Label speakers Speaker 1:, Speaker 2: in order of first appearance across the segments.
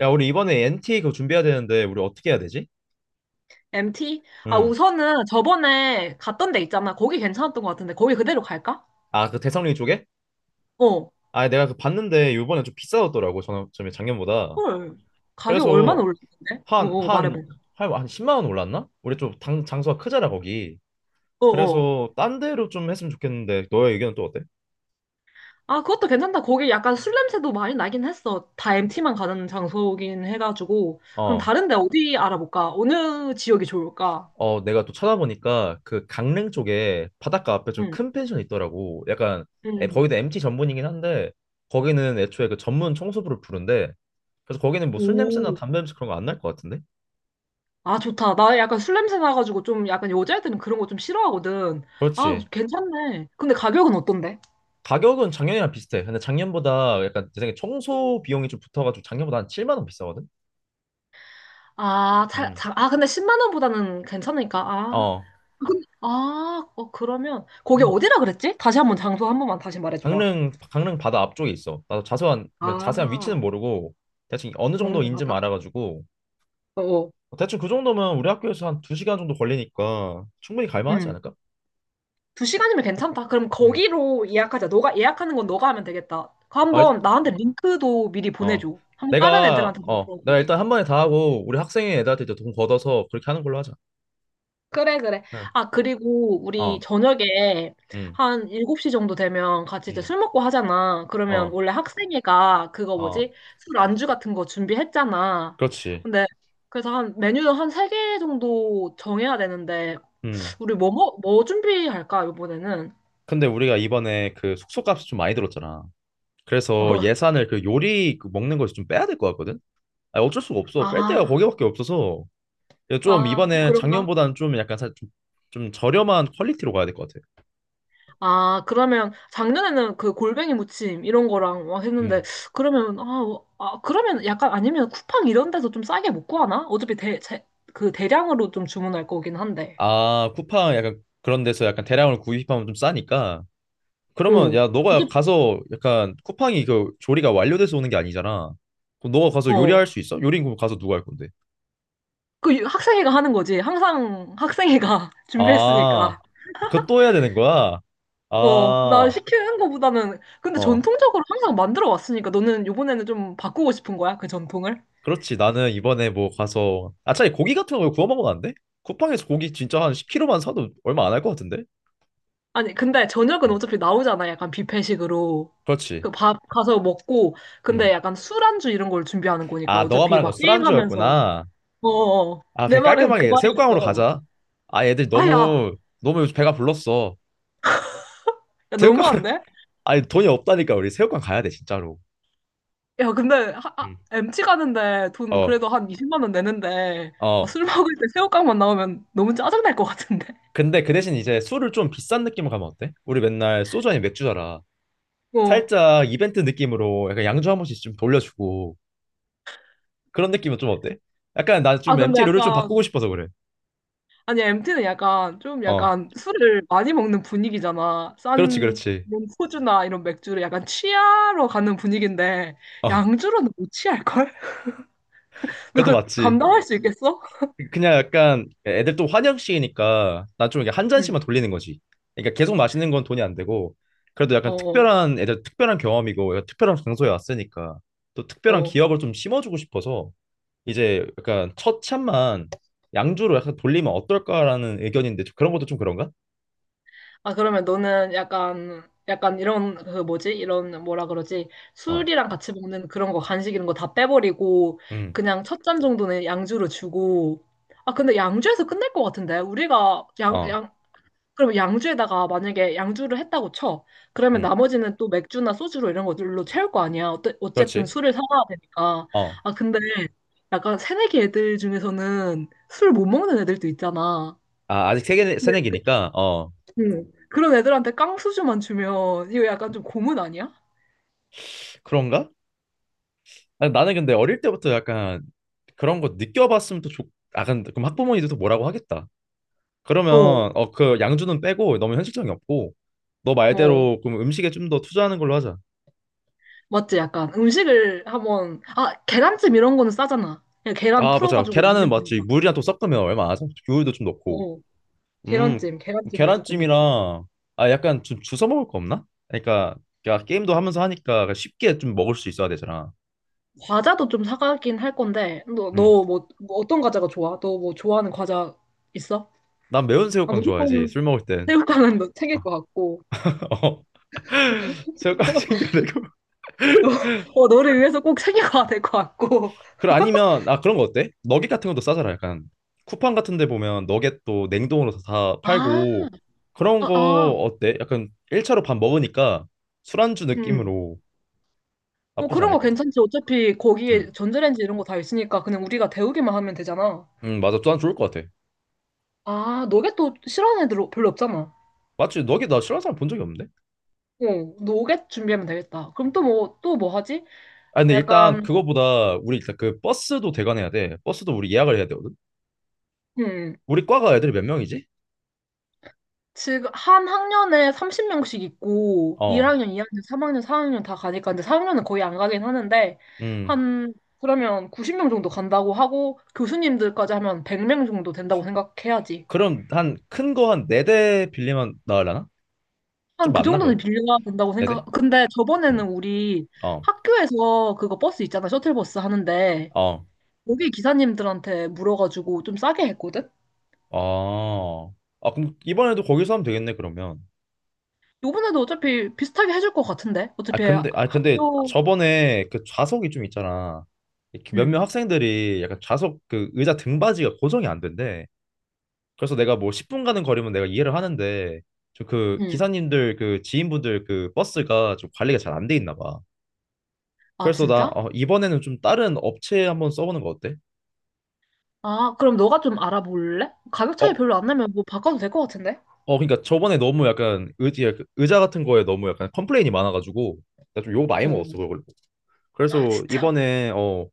Speaker 1: 야, 우리 이번에 NT 그거 준비해야 되는데 우리 어떻게 해야 되지?
Speaker 2: MT? 아,
Speaker 1: 응.
Speaker 2: 우선은 저번에 갔던 데 있잖아. 거기 괜찮았던 것 같은데, 거기 그대로 갈까?
Speaker 1: 아, 그 대성리 쪽에?
Speaker 2: 어.
Speaker 1: 아, 내가 그 봤는데 이번에 좀 비싸졌더라고. 전에 작년보다.
Speaker 2: 헐. 가격 얼마나
Speaker 1: 그래서
Speaker 2: 올랐는데?
Speaker 1: 한,
Speaker 2: 말해봐.
Speaker 1: 한, 한 10만 원 올랐나? 우리 좀 장소가 크잖아, 거기.
Speaker 2: 어, 어.
Speaker 1: 그래서 딴 데로 좀 했으면 좋겠는데 너의 의견은 또 어때?
Speaker 2: 아, 그것도 괜찮다. 거기 약간 술 냄새도 많이 나긴 했어. 다 MT만 가는 장소긴 해가지고. 그럼
Speaker 1: 어.
Speaker 2: 다른 데 어디 알아볼까? 어느 지역이 좋을까?
Speaker 1: 내가 또 찾아보니까 그 강릉 쪽에 바닷가 앞에 좀
Speaker 2: 응,
Speaker 1: 큰 펜션이 있더라고. 약간
Speaker 2: 응.
Speaker 1: 거기도 MT 전문이긴 한데 거기는 애초에 그 전문 청소부를 부른데. 그래서 거기는 뭐 술 냄새나
Speaker 2: 오.
Speaker 1: 담배 냄새 그런 거 안 날 것 같은데?
Speaker 2: 아, 좋다. 나 약간 술 냄새 나가지고 좀 약간 여자애들은 그런 거 좀 싫어하거든. 아,
Speaker 1: 그렇지.
Speaker 2: 괜찮네. 근데 가격은 어떤데?
Speaker 1: 가격은 작년이랑 비슷해. 근데 작년보다 약간 내 생각에 청소 비용이 좀 붙어가지고 작년보다 한 7만 원 비싸거든.
Speaker 2: 아,
Speaker 1: 음.
Speaker 2: 아, 근데 10만 원보다는 괜찮으니까. 아,
Speaker 1: 어.
Speaker 2: 아, 어, 그러면 거기
Speaker 1: 음.
Speaker 2: 어디라 그랬지? 다시 한번 장소 한 번만 다시 말해줘봐.
Speaker 1: 강릉 바다 앞쪽에 있어. 나도 자세한 위치는
Speaker 2: 아,
Speaker 1: 모르고 대충 어느 정도
Speaker 2: 강릉
Speaker 1: 인지만
Speaker 2: 바다?
Speaker 1: 알아가지고.
Speaker 2: 어어.
Speaker 1: 대충 그 정도면 우리 학교에서 한 2시간 정도 걸리니까 충분히 갈만하지
Speaker 2: 응.
Speaker 1: 않을까?
Speaker 2: 두 시간이면 괜찮다. 그럼
Speaker 1: 음.
Speaker 2: 거기로 예약하자. 너가 예약하는 건 너가 하면 되겠다. 그
Speaker 1: 어, 일-
Speaker 2: 한번 나한테 링크도 미리
Speaker 1: 어, 어.
Speaker 2: 보내줘. 한 번 다른
Speaker 1: 내가
Speaker 2: 애들한테 좀
Speaker 1: 어 내가
Speaker 2: 물어보게.
Speaker 1: 일단 한 번에 다 하고 우리 학생회 애들한테 이제 돈 걷어서 그렇게 하는 걸로 하자.
Speaker 2: 그래, 그래.
Speaker 1: 응.
Speaker 2: 아, 그리고 우리
Speaker 1: 어.
Speaker 2: 저녁에
Speaker 1: 음.
Speaker 2: 한 7시 정도 되면 같이 이제
Speaker 1: 음.
Speaker 2: 술 먹고 하잖아. 그러면
Speaker 1: 어.
Speaker 2: 원래 학생회가 그거
Speaker 1: 어.
Speaker 2: 뭐지? 술 안주 같은 거 준비했잖아.
Speaker 1: 그렇지.
Speaker 2: 근데 그래서 한 메뉴는 한 3개 정도 정해야 되는데
Speaker 1: 음.
Speaker 2: 우리 뭐 준비할까, 이번에는?
Speaker 1: 근데 우리가 이번에 그 숙소값이 좀 많이 들었잖아. 그래서
Speaker 2: 어.
Speaker 1: 예산을 그 요리 그 먹는 거에서 좀 빼야 될 것 같거든. 아, 어쩔 수가 없어. 뺄 데가
Speaker 2: 아,
Speaker 1: 거기밖에 없어서 좀
Speaker 2: 아, 또
Speaker 1: 이번에
Speaker 2: 그런가?
Speaker 1: 작년보다는 좀 약간 좀, 좀 저렴한 퀄리티로 가야 될 것 같아.
Speaker 2: 아, 그러면 작년에는 그 골뱅이 무침 이런 거랑 막 했는데
Speaker 1: 음.
Speaker 2: 그러면 아, 어, 아 그러면 약간 아니면 쿠팡 이런 데서 좀 싸게 못 구하나? 어차피 그 대량으로 좀 주문할 거긴 한데.
Speaker 1: 아, 쿠팡 약간 그런 데서 약간 대량으로 구입하면 좀 싸니까. 그러면
Speaker 2: 어.
Speaker 1: 야, 너가
Speaker 2: 어차피
Speaker 1: 가서 약간 쿠팡이 그 조리가 완료돼서 오는 게 아니잖아. 그럼 너가 가서
Speaker 2: 어.
Speaker 1: 요리할 수 있어? 요리는 그럼 가서 누가 할 건데?
Speaker 2: 그 학생회가 하는 거지. 항상 학생회가
Speaker 1: 아,
Speaker 2: 준비했으니까.
Speaker 1: 아, 그거 또 해야 되는 거야?
Speaker 2: 어, 나
Speaker 1: 아,
Speaker 2: 시키는 거보다는 근데
Speaker 1: 어.
Speaker 2: 전통적으로 항상 만들어 왔으니까 너는 요번에는 좀 바꾸고 싶은 거야? 그 전통을?
Speaker 1: 그렇지. 나는 이번에 뭐 가서, 아, 차라리 고기 같은 거 구워 먹으면 안 돼? 쿠팡에서 고기 진짜 한 10kg만 사도 얼마 안 할 것 같은데?
Speaker 2: 아니, 근데 저녁은
Speaker 1: 음.
Speaker 2: 어차피 나오잖아. 약간 뷔페식으로.
Speaker 1: 그렇지.
Speaker 2: 그 밥 가서 먹고, 근데
Speaker 1: 음.
Speaker 2: 약간 술안주 이런 걸 준비하는 거니까
Speaker 1: 아, 너가
Speaker 2: 어차피
Speaker 1: 말한 거
Speaker 2: 막 게임하면서.
Speaker 1: 술안주였구나.
Speaker 2: 어어 어.
Speaker 1: 아,
Speaker 2: 내
Speaker 1: 그냥
Speaker 2: 말은 그
Speaker 1: 깔끔하게 새우깡으로
Speaker 2: 말이었어.
Speaker 1: 가자. 아, 애들
Speaker 2: 아, 야,
Speaker 1: 너무 너무 요즘 배가 불렀어.
Speaker 2: 야,
Speaker 1: 새우깡.
Speaker 2: 너무한데?
Speaker 1: 아니 돈이 없다니까. 우리 새우깡 가야 돼, 진짜로.
Speaker 2: 야, 근데
Speaker 1: 음.
Speaker 2: MT 가는데 돈
Speaker 1: 어.
Speaker 2: 그래도 한 20만 원 내는데 아,
Speaker 1: 어.
Speaker 2: 술 먹을 때 새우깡만 나오면 너무 짜증날 것 같은데.
Speaker 1: 근데 그 대신 이제 술을 좀 비싼 느낌으로 가면 어때? 우리 맨날 소주, 아니 맥주잖아.
Speaker 2: 어.
Speaker 1: 살짝 이벤트 느낌으로 약간 양주 한 번씩 좀 돌려주고, 그런 느낌은 좀 어때? 약간 나
Speaker 2: 아,
Speaker 1: 좀
Speaker 2: 근데
Speaker 1: MT 룰을 좀 바꾸고
Speaker 2: 약간
Speaker 1: 싶어서 그래.
Speaker 2: 아니, MT는 약간 좀
Speaker 1: 어,
Speaker 2: 약간 술을 많이 먹는 분위기잖아.
Speaker 1: 그렇지,
Speaker 2: 싼
Speaker 1: 그렇지.
Speaker 2: 이런 소주나 이런 맥주를 약간 취하러 가는 분위기인데
Speaker 1: 어,
Speaker 2: 양주로는 못 취할걸? 너
Speaker 1: 그것도
Speaker 2: 그
Speaker 1: 맞지.
Speaker 2: 감당할 수 있겠어?
Speaker 1: 그냥 약간 애들 또 환영식이니까 난 좀 이게 한
Speaker 2: 응.
Speaker 1: 잔씩만 돌리는 거지. 그러니까 계속 마시는 건 돈이 안 되고, 그래도
Speaker 2: 어,
Speaker 1: 약간
Speaker 2: 어.
Speaker 1: 특별한 애들, 특별한 경험이고 약간 특별한 장소에 왔으니까 또 특별한
Speaker 2: 어.
Speaker 1: 기억을 좀 심어주고 싶어서 이제 약간 첫 잔만 양주로 약간 돌리면 어떨까라는 의견인데, 좀 그런 것도 좀 그런가?
Speaker 2: 아, 그러면 너는 약간 약간 이런 그 뭐지? 이런 뭐라 그러지?
Speaker 1: 어,
Speaker 2: 술이랑 같이 먹는 그런 거 간식 이런 거 다 빼버리고
Speaker 1: 음,
Speaker 2: 그냥 첫 잔 정도는 양주로 주고 아, 근데 양주에서 끝날 것 같은데? 우리가
Speaker 1: 어,
Speaker 2: 그럼 양주에다가 만약에 양주를 했다고 쳐. 그러면
Speaker 1: 음,
Speaker 2: 나머지는 또 맥주나 소주로 이런 것들로 채울 거 아니야. 어때, 어쨌든
Speaker 1: 그렇지.
Speaker 2: 술을 사와야 되니까.
Speaker 1: 어.
Speaker 2: 아, 근데 약간 새내기 애들 중에서는 술 못 먹는 애들도 있잖아.
Speaker 1: 아, 아직 세계
Speaker 2: 근데 그,
Speaker 1: 새내기니까
Speaker 2: 응. 그런 애들한테 깡소주만 주면 이거 약간 좀 고문 아니야?
Speaker 1: 그런가? 아니, 나는 근데 어릴 때부터 약간 그런 거 느껴봤으면 아, 근데 그럼 학부모님들도 뭐라고 하겠다. 그러면
Speaker 2: 어,
Speaker 1: 어, 그 양주는 빼고, 너무 현실적이 없고. 너
Speaker 2: 어.
Speaker 1: 말대로 그럼 음식에 좀 더 투자하는 걸로 하자.
Speaker 2: 맞지? 약간 음식을 한번, 아, 계란찜 이런 거는 싸잖아. 그냥 계란
Speaker 1: 아, 맞아.
Speaker 2: 풀어가지고
Speaker 1: 계란은
Speaker 2: 만들면
Speaker 1: 맞지.
Speaker 2: 되니까.
Speaker 1: 물이랑 또 섞으면 얼마 안 하죠. 우유도 좀 넣고.
Speaker 2: 어,
Speaker 1: 음,
Speaker 2: 계란찜 무조건 넣고.
Speaker 1: 계란찜이랑, 아, 약간 좀 주워 먹을 거 없나? 그러니까, 그러니까 게임도 하면서 하니까 쉽게 좀 먹을 수 있어야 되잖아.
Speaker 2: 과자도 좀 사가긴 할 건데, 너,
Speaker 1: 음.
Speaker 2: 너 뭐 어떤 과자가 좋아? 너 뭐 좋아하는 과자 있어?
Speaker 1: 난 매운
Speaker 2: 아,
Speaker 1: 새우깡 좋아하지. 술
Speaker 2: 무조건
Speaker 1: 먹을 땐.
Speaker 2: 새우깡은 너 챙길 것 같고,
Speaker 1: 어, 새우깡 챙겨내고.
Speaker 2: 어, 너를 위해서 꼭 챙겨가야 될 것 같고.
Speaker 1: 그럼 아니면, 아, 그런 거 어때? 너겟 같은 것도 싸잖아. 약간 쿠팡 같은 데 보면 너겟도 냉동으로 다
Speaker 2: 아,
Speaker 1: 팔고. 그런
Speaker 2: 아,
Speaker 1: 거
Speaker 2: 아,
Speaker 1: 어때? 약간 1차로 밥 먹으니까 술안주
Speaker 2: 음.
Speaker 1: 느낌으로
Speaker 2: 뭐
Speaker 1: 나쁘지
Speaker 2: 그런
Speaker 1: 않을
Speaker 2: 거
Speaker 1: 것 같아.
Speaker 2: 괜찮지. 어차피
Speaker 1: 응.
Speaker 2: 거기에 전자레인지 이런 거 다 있으니까 그냥 우리가 데우기만 하면 되잖아.
Speaker 1: 응, 맞아. 또한 좋을 것 같아.
Speaker 2: 아, 노겟도 싫어하는 애들 별로 없잖아.
Speaker 1: 맞지? 너겟 나 싫어하는 사람 본 적이 없는데?
Speaker 2: 어, 노겟 준비하면 되겠다. 그럼 또 뭐 하지?
Speaker 1: 아, 근데 일단
Speaker 2: 약간,
Speaker 1: 그거보다 우리 일단 그 버스도 대관해야 돼. 버스도 우리 예약을 해야 되거든.
Speaker 2: 음.
Speaker 1: 우리 과가 애들이 몇 명이지?
Speaker 2: 지금 한 학년에 30명씩 있고
Speaker 1: 어.
Speaker 2: 1학년, 2학년, 3학년, 4학년 다 가니까 근데 4학년은 거의 안 가긴 하는데
Speaker 1: 음.
Speaker 2: 한 그러면 90명 정도 간다고 하고 교수님들까지 하면 100명 정도 된다고 생각해야지.
Speaker 1: 그럼 한 큰 거 한 4대 빌리면 나으려나? 좀
Speaker 2: 한 그
Speaker 1: 많나
Speaker 2: 정도는
Speaker 1: 그건?
Speaker 2: 빌려야 된다고
Speaker 1: 네
Speaker 2: 생각.
Speaker 1: 대?
Speaker 2: 근데 저번에는
Speaker 1: 음.
Speaker 2: 우리
Speaker 1: 어.
Speaker 2: 학교에서 그거 버스 있잖아. 셔틀버스 하는데
Speaker 1: 어.
Speaker 2: 거기 기사님들한테 물어가지고 좀 싸게 했거든.
Speaker 1: 아, 아, 그럼 이번에도 거기서 하면 되겠네, 그러면.
Speaker 2: 요번에도 어차피 비슷하게 해줄 것 같은데.
Speaker 1: 아,
Speaker 2: 어차피
Speaker 1: 근데, 아, 근데
Speaker 2: 학교
Speaker 1: 저번에 그 좌석이 좀 있잖아. 이렇게
Speaker 2: 응.
Speaker 1: 몇몇 학생들이 약간 좌석 그 의자 등받이가 고정이 안 된대. 그래서 내가 뭐 10분 가는 거리면 내가 이해를 하는데, 좀 그
Speaker 2: 응.
Speaker 1: 기사님들, 그 지인분들, 그 버스가 좀 관리가 잘 안 돼 있나 봐.
Speaker 2: 아
Speaker 1: 그래서 나
Speaker 2: 진짜?
Speaker 1: 어, 이번에는 좀 다른 업체 한번 써보는 거 어때?
Speaker 2: 아, 그럼 너가 좀 알아볼래? 가격 차이
Speaker 1: 어,
Speaker 2: 별로 안 나면 뭐 바꿔도 될 것 같은데?
Speaker 1: 어, 그러니까 저번에 너무 약간 의지 약간 의자 같은 거에 너무 약간 컴플레인이 많아가지고 나 좀 욕 많이
Speaker 2: 어, 어.
Speaker 1: 먹었어, 그걸.
Speaker 2: 아,
Speaker 1: 그래서
Speaker 2: 진짜.
Speaker 1: 이번에 어,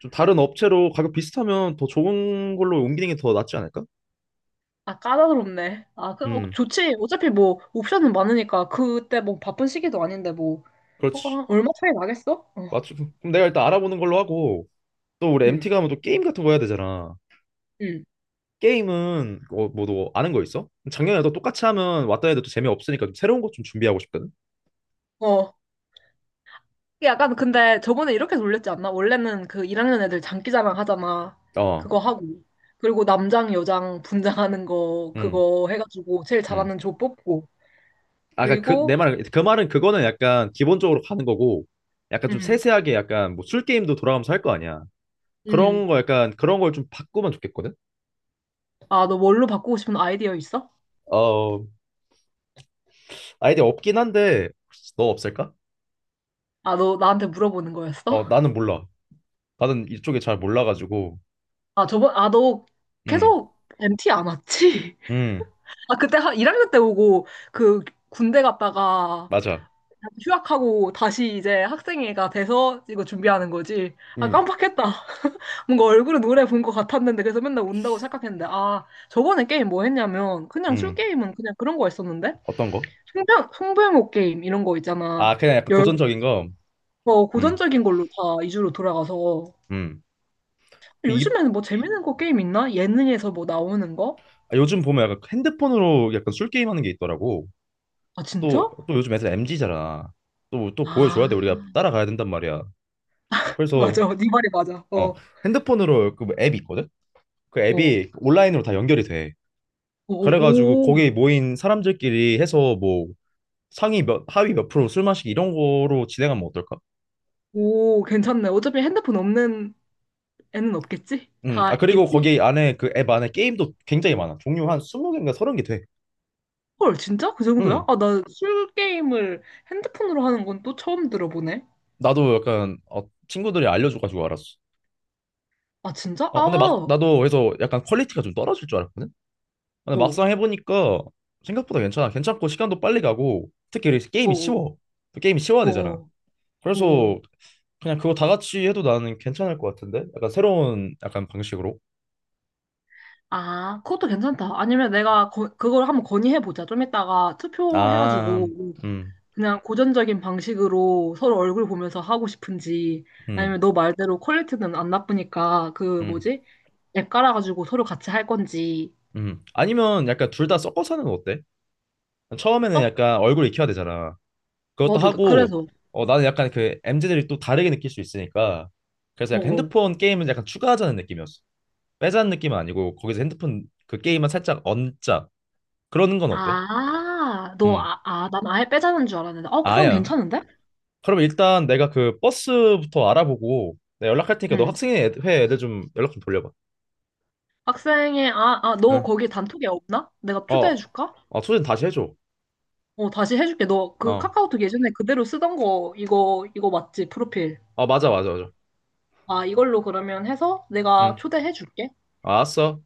Speaker 1: 좀 다른 업체로 가격 비슷하면 더 좋은 걸로 옮기는 게 더 낫지 않을까?
Speaker 2: 아, 까다롭네. 아, 그, 어,
Speaker 1: 음.
Speaker 2: 좋지. 어차피 뭐, 옵션은 많으니까, 그때 뭐, 바쁜 시기도 아닌데, 뭐, 어,
Speaker 1: 그렇지.
Speaker 2: 아, 얼마 차이 나겠어? 어,
Speaker 1: 맞지? 그럼 내가 일단 알아보는 걸로 하고, 또 우리 MT
Speaker 2: 응,
Speaker 1: 가면 또 게임 같은 거 해야 되잖아.
Speaker 2: 응.
Speaker 1: 게임은 어뭐너 아는 거 있어? 작년에도 똑같이 하면 왔다 해도 또 재미없으니까 좀 새로운 것 좀 준비하고 싶거든.
Speaker 2: 어. 이게 약간, 근데 저번에 이렇게 놀렸지 않나? 원래는 그 1학년 애들 장기자랑 하잖아.
Speaker 1: 어음음
Speaker 2: 그거 하고. 그리고 남장, 여장 분장하는 거, 그거 해가지고, 제일 잘하는 조 뽑고.
Speaker 1: 아까 그,
Speaker 2: 그리고,
Speaker 1: 내 말은 그 말은, 그거는 약간 기본적으로 가는 거고, 약간 좀
Speaker 2: 응
Speaker 1: 세세하게 약간 뭐 술 게임도 돌아가면서 할 거 아니야.
Speaker 2: 응
Speaker 1: 그런 거 약간 그런 걸 좀 바꾸면 좋겠거든.
Speaker 2: 아, 너 뭘로 바꾸고 싶은 아이디어 있어?
Speaker 1: 어, 아이디어 없긴 한데 너 없을까?
Speaker 2: 아, 너 나한테 물어보는 거였어?
Speaker 1: 어, 나는 몰라. 나는 이쪽에 잘 몰라가지고.
Speaker 2: 아, 저번, 아, 너
Speaker 1: 음.
Speaker 2: 계속 MT 안 왔지?
Speaker 1: 음.
Speaker 2: 아, 그때 한 1학년 때 오고 그 군대 갔다가
Speaker 1: 맞아.
Speaker 2: 휴학하고 다시 이제 학생회가 돼서 이거 준비하는 거지. 아,
Speaker 1: 음.
Speaker 2: 깜빡했다. 뭔가 얼굴은 노래 본 것 같았는데 그래서 맨날 온다고 생각했는데 아, 저번에 게임 뭐 했냐면 그냥 술
Speaker 1: 음.
Speaker 2: 게임은 그냥 그런 거 했었는데
Speaker 1: 어떤 거?
Speaker 2: 송병호 게임 이런 거 있잖아.
Speaker 1: 아, 그냥 약간
Speaker 2: 열,
Speaker 1: 고전적인 거.
Speaker 2: 어,
Speaker 1: 음.
Speaker 2: 고전적인 걸로 다 2주로 돌아가서
Speaker 1: 음. 그 이
Speaker 2: 요즘에는 뭐 재밌는 거 게임 있나? 예능에서 뭐 나오는 거?
Speaker 1: 아, 요즘 보면 약간 핸드폰으로 약간 술 게임 하는 게 있더라고.
Speaker 2: 아, 진짜?
Speaker 1: 또 요즘 애들 MZ잖아. 또 보여줘야
Speaker 2: 아,
Speaker 1: 돼, 우리가 따라가야 된단 말이야. 그래서
Speaker 2: 맞아. 네 말이 맞아. 어,
Speaker 1: 어,
Speaker 2: 어,
Speaker 1: 핸드폰으로 그앱 있거든? 그
Speaker 2: 어,
Speaker 1: 앱이 온라인으로 다 연결이 돼.
Speaker 2: 오,
Speaker 1: 그래가지고
Speaker 2: 오,
Speaker 1: 거기 모인 사람들끼리 해서 뭐 상위 몇, 하위 몇 프로 술 마시기 이런 거로 진행하면 어떨까?
Speaker 2: 오, 괜찮네. 어차피 핸드폰 없는 애는 없겠지?
Speaker 1: 아,
Speaker 2: 다
Speaker 1: 그리고
Speaker 2: 있겠지?
Speaker 1: 거기 안에 그 앱 안에 게임도 굉장히 많아. 종류 한 20개인가 30개 돼.
Speaker 2: 헐, 진짜? 그 정도야?
Speaker 1: 음,
Speaker 2: 아, 나 술 게임을 핸드폰으로 하는 건 또 처음 들어보네.
Speaker 1: 나도 약간 어, 친구들이 알려줘가지고 알았어.
Speaker 2: 아, 진짜? 아,
Speaker 1: 어, 근데 막,
Speaker 2: 어,
Speaker 1: 나도 그래서 약간 퀄리티가 좀 떨어질 줄 알았거든? 근데
Speaker 2: 어,
Speaker 1: 막상 해보니까 생각보다 괜찮아. 괜찮고 시간도 빨리 가고 특히 게임이
Speaker 2: 어,
Speaker 1: 쉬워. 또 게임이 쉬워야
Speaker 2: 어,
Speaker 1: 되잖아.
Speaker 2: 어. 어.
Speaker 1: 그래서 그냥 그거 다 같이 해도 나는 괜찮을 것 같은데? 약간 새로운 약간 방식으로.
Speaker 2: 아, 그것도 괜찮다. 아니면 내가 그걸 한번 건의해보자. 좀 이따가
Speaker 1: 아.
Speaker 2: 투표해가지고
Speaker 1: 음.
Speaker 2: 그냥 고전적인 방식으로 서로 얼굴 보면서 하고 싶은지
Speaker 1: 음.
Speaker 2: 아니면 너 말대로 퀄리티는 안 나쁘니까 그
Speaker 1: 음.
Speaker 2: 뭐지? 앱 깔아가지고 서로 같이 할 건지.
Speaker 1: 음. 아니면 약간 둘 다 섞어서 하는 건 어때? 처음에는
Speaker 2: 어?
Speaker 1: 약간 얼굴 익혀야 되잖아. 그것도
Speaker 2: 맞아.
Speaker 1: 하고,
Speaker 2: 그래서.
Speaker 1: 어, 나는 약간 그 MZ들이 또 다르게 느낄 수 있으니까. 그래서
Speaker 2: 어.
Speaker 1: 약간
Speaker 2: 어.
Speaker 1: 핸드폰 게임은 약간 추가하자는 느낌이었어. 빼자는 느낌은 아니고, 거기서 핸드폰 그 게임은 살짝 얹자. 그러는 건 어때? 음.
Speaker 2: 난 아예 빼자는 줄 알았는데. 어, 그럼
Speaker 1: 아니야.
Speaker 2: 괜찮은데?
Speaker 1: 그럼 일단 내가 그 버스부터 알아보고, 내가 연락할 테니까 너
Speaker 2: 응.
Speaker 1: 학생회 회 애들 좀 연락 좀 돌려봐.
Speaker 2: 너
Speaker 1: 응.
Speaker 2: 거기 단톡에 없나? 내가
Speaker 1: 어.
Speaker 2: 초대해줄까?
Speaker 1: 어, 소진 다시 해줘.
Speaker 2: 어, 다시 해줄게. 너 그
Speaker 1: 어.
Speaker 2: 카카오톡 예전에 그대로 쓰던 거, 이거 맞지? 프로필.
Speaker 1: 어, 맞아, 맞아, 맞아.
Speaker 2: 아, 이걸로 그러면 해서 내가
Speaker 1: 응.
Speaker 2: 초대해줄게.
Speaker 1: 아, 알았어.